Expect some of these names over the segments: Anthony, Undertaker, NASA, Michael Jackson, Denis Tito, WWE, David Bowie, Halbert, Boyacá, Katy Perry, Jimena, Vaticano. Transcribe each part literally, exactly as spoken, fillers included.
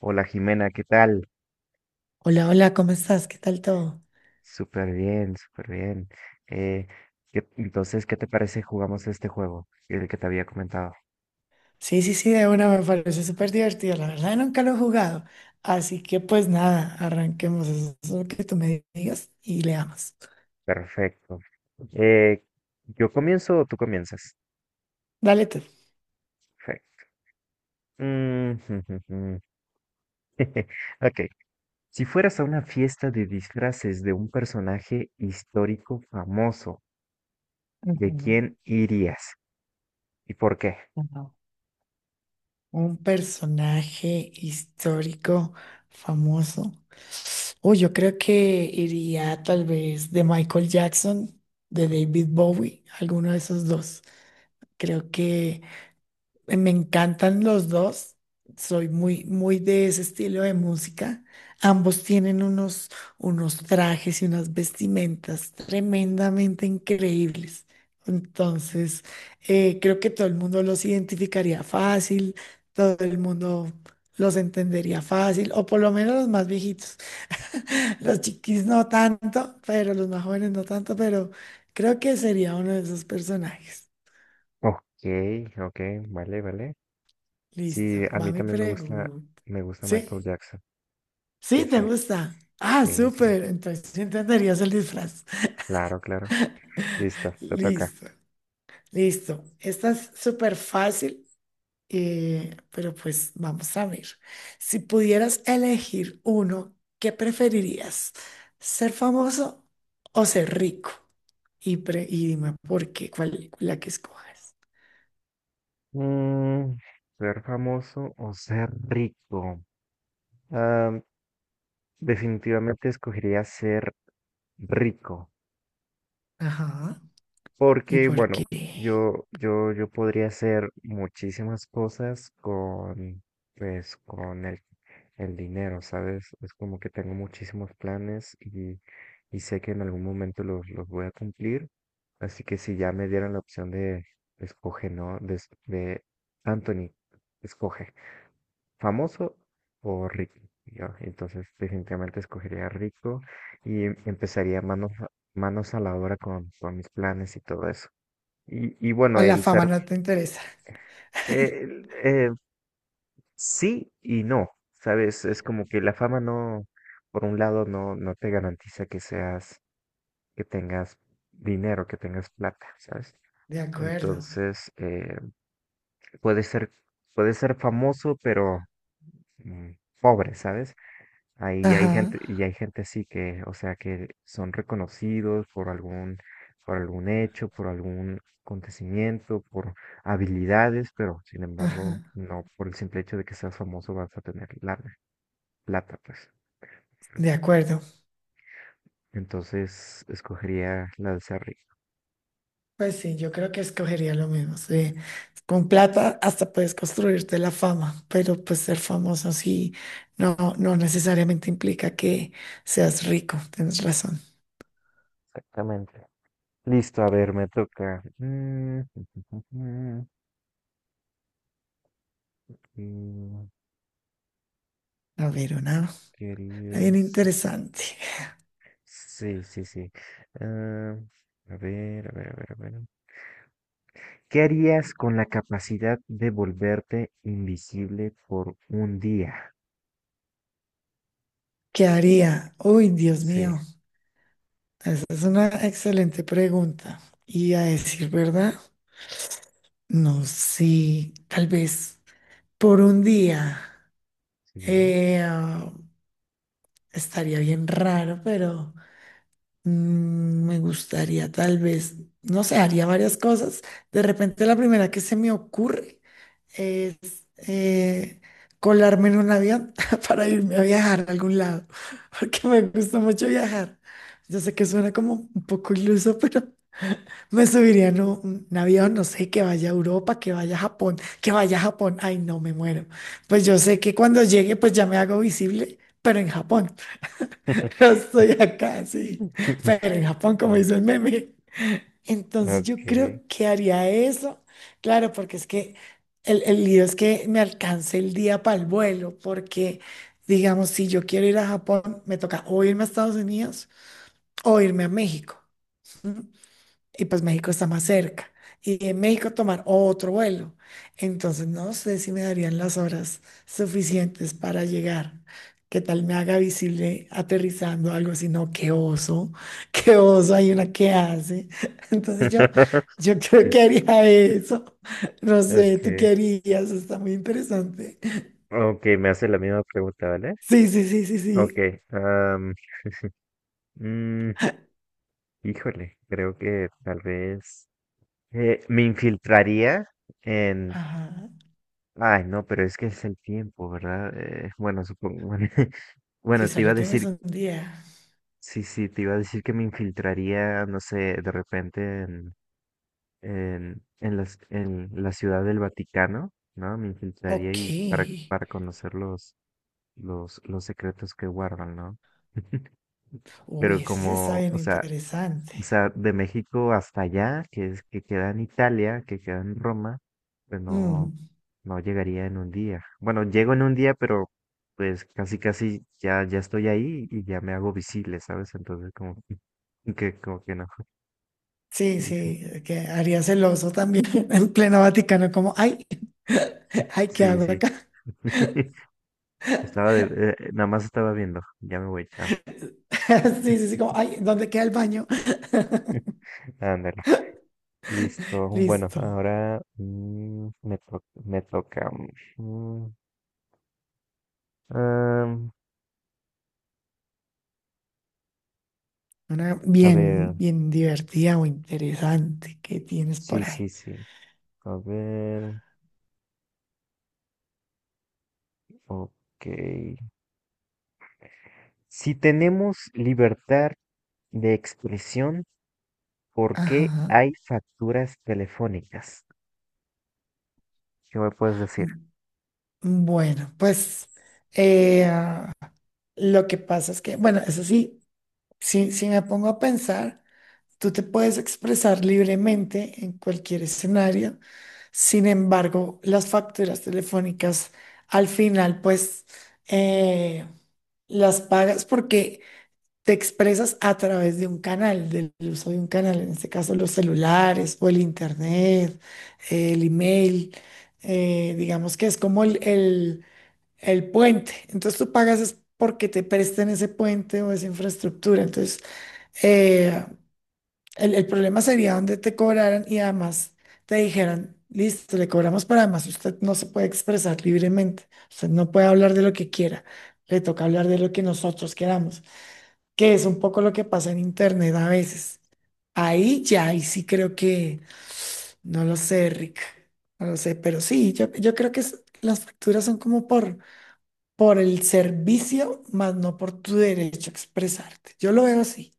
Hola Jimena, ¿qué tal? Hola, hola, ¿cómo estás? ¿Qué tal todo? Súper bien, súper bien. Eh, ¿qué- entonces, ¿Qué te parece jugamos este juego? El que te había comentado. Sí, sí, sí, de una me parece súper divertido. La verdad, nunca lo he jugado. Así que, pues nada, arranquemos. Eso es lo que tú me digas y leamos. Perfecto. Eh, ¿Yo comienzo o tú comienzas? Dale tú. Fe- Mm, jum, jum, jum. Ok. Si fueras a una fiesta de disfraces de un personaje histórico famoso, ¿de Ujú, quién irías? ¿Y por qué? ujú. Un personaje histórico famoso. Uy, yo creo que iría tal vez de Michael Jackson, de David Bowie, alguno de esos dos. Creo que eh, me encantan los dos. Soy muy, muy de ese estilo de música. Ambos tienen unos, unos trajes y unas vestimentas tremendamente increíbles. Entonces, eh, creo que todo el mundo los identificaría fácil, todo el mundo los entendería fácil, o por lo menos los más viejitos. Los chiquis no tanto, pero los más jóvenes no tanto, pero creo que sería uno de esos personajes. Ok, ok, vale, vale. Listo, Sí, a va mí mi también me gusta, pregunta. me gusta Michael ¿Sí? Jackson. Sí, Sí, te sí. gusta. Ah, Sí, sí, súper. Entonces sí entenderías el disfraz. claro, claro. Listo, te toca. Listo, listo. Esta es súper fácil, eh, pero pues vamos a ver. Si pudieras elegir uno, ¿qué preferirías? ¿Ser famoso o ser rico? Y, pre- y dime por qué, cuál, la que escoges. Mm, ser famoso o ser rico. Ah, definitivamente escogería ser rico. Ajá. ¿Y Porque, por bueno, qué? yo, yo, yo podría hacer muchísimas cosas con, pues, con el, el dinero, ¿sabes? Es como que tengo muchísimos planes y, y sé que en algún momento los, los voy a cumplir. Así que si ya me dieran la opción de escoge, ¿no? De, es- de Anthony, escoge, ¿famoso o rico? Y yo, entonces, definitivamente escogería rico y empezaría manos, a- manos a la obra con, con mis planes y todo eso. Y, y bueno, A la el fama ser, no te interesa. eh, eh, sí y no, ¿sabes? Es como que la fama no, por un lado, no, no te garantiza que seas, que tengas dinero, que tengas plata, ¿sabes? De acuerdo. Entonces, eh, puede ser, puede ser famoso, pero mm, pobre, ¿sabes? Ahí hay Ajá, gente, y hay gente así que, o sea, que son reconocidos por algún, por algún hecho, por algún acontecimiento, por habilidades, pero sin embargo, ajá. no por el simple hecho de que seas famoso vas a tener lana, plata, pues. De acuerdo. Entonces, escogería la de ser rico. Pues sí, yo creo que escogería lo mismo. Sí. Con plata hasta puedes construirte la fama, pero pues ser famoso sí no, no necesariamente implica que seas rico. Tienes razón. Exactamente. Listo, a ver, me toca. Mm, ¿qué A ver, una, bien querías? interesante. Sí, sí, sí. Ah, a ver, a ver, a ver, a ver. ¿Qué harías con la capacidad de volverte invisible por un día? ¿Qué haría? Uy, Dios Sí, mío. Esa es una excelente pregunta. Y a decir verdad, no sé, tal vez por un día sí. eh, ah, estaría bien raro, pero... Mm, me gustaría tal vez, no sé, haría varias cosas. De repente la primera que se me ocurre es eh, colarme en un avión para irme a viajar a algún lado, porque me gusta mucho viajar. Yo sé que suena como un poco iluso, pero me subiría en un, un avión, no sé, que vaya a Europa, que vaya a Japón, que vaya a Japón. Ay, no, me muero. Pues yo sé que cuando llegue, pues ya me hago visible, pero en Japón. Yo estoy acá, sí. Pero en Japón, como dice el meme. Entonces yo Okay. creo que haría eso. Claro, porque es que el, el lío es que me alcance el día para el vuelo, porque digamos, si yo quiero ir a Japón, me toca o irme a Estados Unidos o irme a México y pues México está más cerca. Y en México tomar otro vuelo. Entonces no sé si me darían las horas suficientes para llegar. ¿Qué tal me haga visible aterrizando algo así? No, qué oso, qué oso, hay una que hace. Entonces yo, yo creo Sí, que sí. haría eso. No sé, ¿tú qué Okay. harías? Está muy interesante. Okay, me hace la misma pregunta, ¿vale? Sí, sí, sí, sí, sí. Okay. am, mm, híjole, creo que tal vez eh, me infiltraría en... Ajá. Ay, no, pero es que es el tiempo, ¿verdad? Eh, bueno, supongo... Si Bueno, te iba a solo tienes decir un día. sí, sí, te iba a decir que me infiltraría, no sé, de repente en, en, en las- en la ciudad del Vaticano, ¿no? Me infiltraría Ok. y para, para conocer los, los, los secretos que guardan, ¿no? Uy, Pero ese sí está como, bien o sea, interesante. o sea, de México hasta allá, que es que queda en Italia, que queda en Roma, pues no, Mm. no llegaría en un día. Bueno, llego en un día, pero pues casi casi ya, ya estoy ahí y ya me hago visible, ¿sabes? Entonces como que como que no. Sí, Hija. sí, que haría celoso también en pleno Vaticano, como, ay, ay, ¿qué Sí, hago sí. acá? Estaba de, eh, eh, nada más estaba viendo. Ya me voy, chao. Sí, sí, sí, como, ay, ¿dónde queda el baño? Ándale, listo. Bueno, Listo. ahora mm, me to- me toca. mm, am, Una a ver, bien, bien divertida o interesante que tienes sí, por ahí. sí, sí. A ver, ok. Si tenemos libertad de expresión, ¿por qué Ajá. hay facturas telefónicas? ¿Qué me puedes decir? M- Bueno, pues eh, ah, lo que pasa es que, bueno, eso sí, sí, sí me pongo a pensar. Tú te puedes expresar libremente en cualquier escenario. Sin embargo, las facturas telefónicas al final, pues, eh, las pagas porque te expresas a través de un canal, del uso de un canal, en este caso los celulares o el internet, el email, eh, digamos que es como el, el- el puente. Entonces tú pagas es porque te presten ese puente o esa infraestructura. Entonces, eh, el, el problema sería donde te cobraran y además te dijeran, listo, le cobramos, pero además usted no se puede expresar libremente, usted no puede hablar de lo que quiera, le toca hablar de lo que nosotros queramos, que es un poco lo que pasa en Internet a veces. Ahí ya, ahí sí creo que, no lo sé, Rick, no lo sé, pero sí, yo, yo creo que es- las facturas son como por, por el servicio, más no por tu derecho a expresarte. Yo lo veo así,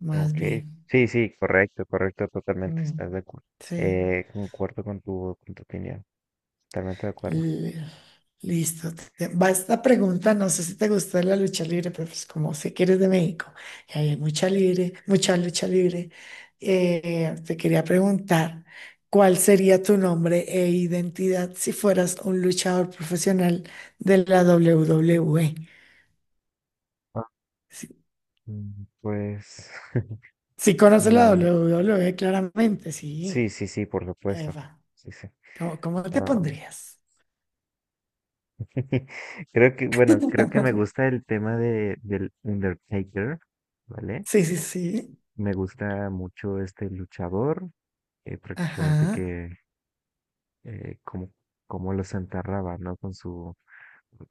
más Ok, bien. sí, sí, correcto, correcto, totalmente, Mm, estás de acuerdo. sí. Eh, concuerdo con tu, con tu opinión, totalmente de acuerdo. L- Listo. te- Va esta pregunta, no sé si te gusta la lucha libre, pero pues como sé que eres de México y ahí hay mucha libre, mucha lucha libre, eh, te quería preguntar, ¿cuál sería tu nombre e identidad si fueras un luchador profesional de la doble u doble u e? Ah, Si, mm, pues, si conoces la mm, doble u doble u e, claramente, sí. sí, sí, sí, por supuesto, Eva, sí, sí. ¿cómo, cómo te Ah, pondrías? creo que, bueno, creo que me gusta el tema de, del Undertaker, ¿vale? Sí, sí, sí. Me gusta mucho este luchador, eh, prácticamente Ajá, que, eh, como, como los enterraba, ¿no? Con su,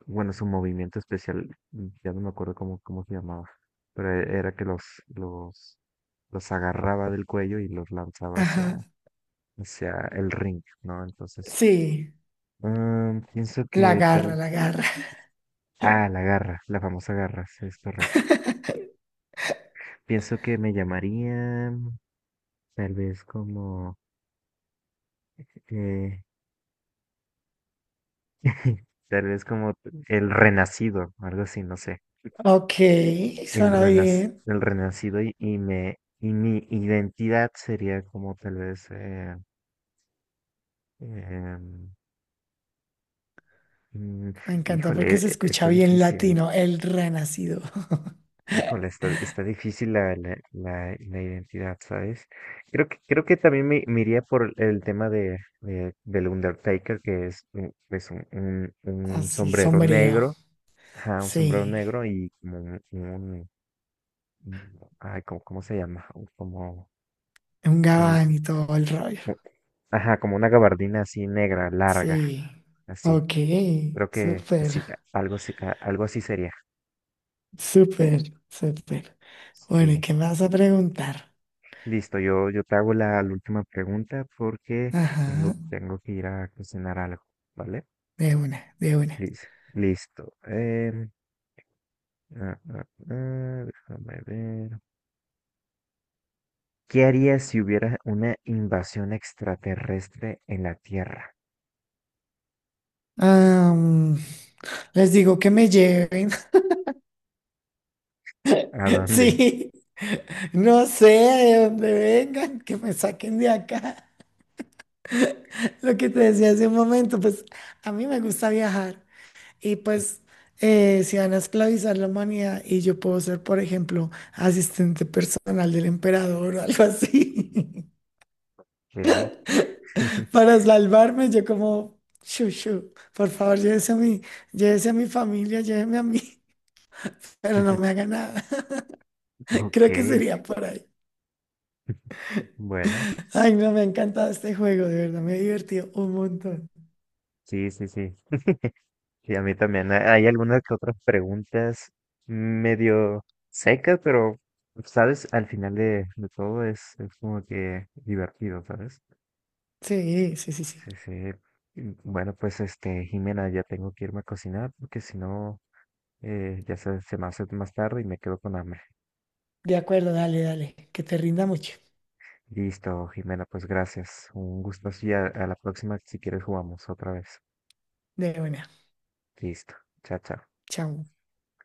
bueno, su movimiento especial, mm, ya no me acuerdo cómo, cómo se llamaba, pero e- era que los, los, los agarraba del cuello y los lanzaba hacia, ajá. hacia el ring, ¿no? Entonces, Sí, mm, pienso la que tal... garra, la garra. Ah, la garra, la famosa garra, sí, es correcto. Pienso que me llamaría tal vez como... eh, tal vez como el renacido, algo así, no sé. Ok, el, suena renac- bien. El renacido y, y me y mi identidad sería como tal vez eh, em, mm, Me encanta híjole porque se e- escucha está bien difícil, latino, el renacido. híjole está, está difícil la, la, la, la identidad, ¿sabes? creo que creo que también me, me iría por el tema de, de del Undertaker, que es un- es un, un, un Así, sombrero sombrío. negro, ajá, un sombrero Sí, negro y como un, un- un- ay, ¿cómo, cómo se llama? Como un un, gabán y todo el rollo. ajá, como una gabardina así negra, larga, Sí. así. Ok, Creo que súper, sí, a- algo, así- a- algo así sería. súper, súper. Bueno, ¿y Sí. qué me vas a preguntar? Listo, yo, yo te hago la, la última pregunta porque Ajá, tengo, tengo que ir a cocinar algo, ¿vale? de una, de una. Listo. Listo. Em, ah, ah, ah, déjame ver. ¿Qué harías si hubiera una invasión extraterrestre en la Tierra? Am, les digo que me lleven. ¿A dónde? Sí, no sé de dónde vengan, que me saquen de acá. Lo que te decía hace un momento, pues a mí me gusta viajar y pues eh, si van a esclavizar la humanidad y yo puedo ser, por ejemplo, asistente personal del emperador o algo así, Ok. para salvarme, yo como, chuchu, por favor, llévese a mi, llévese a mi familia, lléveme a mí, pero no me haga nada. Ok. Creo que sería por ahí. Bueno, Ay, no, me ha encantado este juego, de verdad, me he divertido un montón. sí, sí, sí. Y a mí también. ha- Hay algunas que otras preguntas medio secas, pero, ¿sabes? Al final de, de todo es, es como que divertido, ¿sabes? Sí, sí, sí, sí. Sí, sí. Mm, bueno, pues este, Jimena, ya tengo que irme a cocinar porque si no, eh, ya se, se me hace más tarde y me quedo con hambre. De acuerdo, dale, dale. Que te rinda mucho. Listo, Jimena, pues gracias. Un gusto. Y a a la próxima, si quieres, jugamos otra vez. De buena. Listo. Chao, chao. Chao.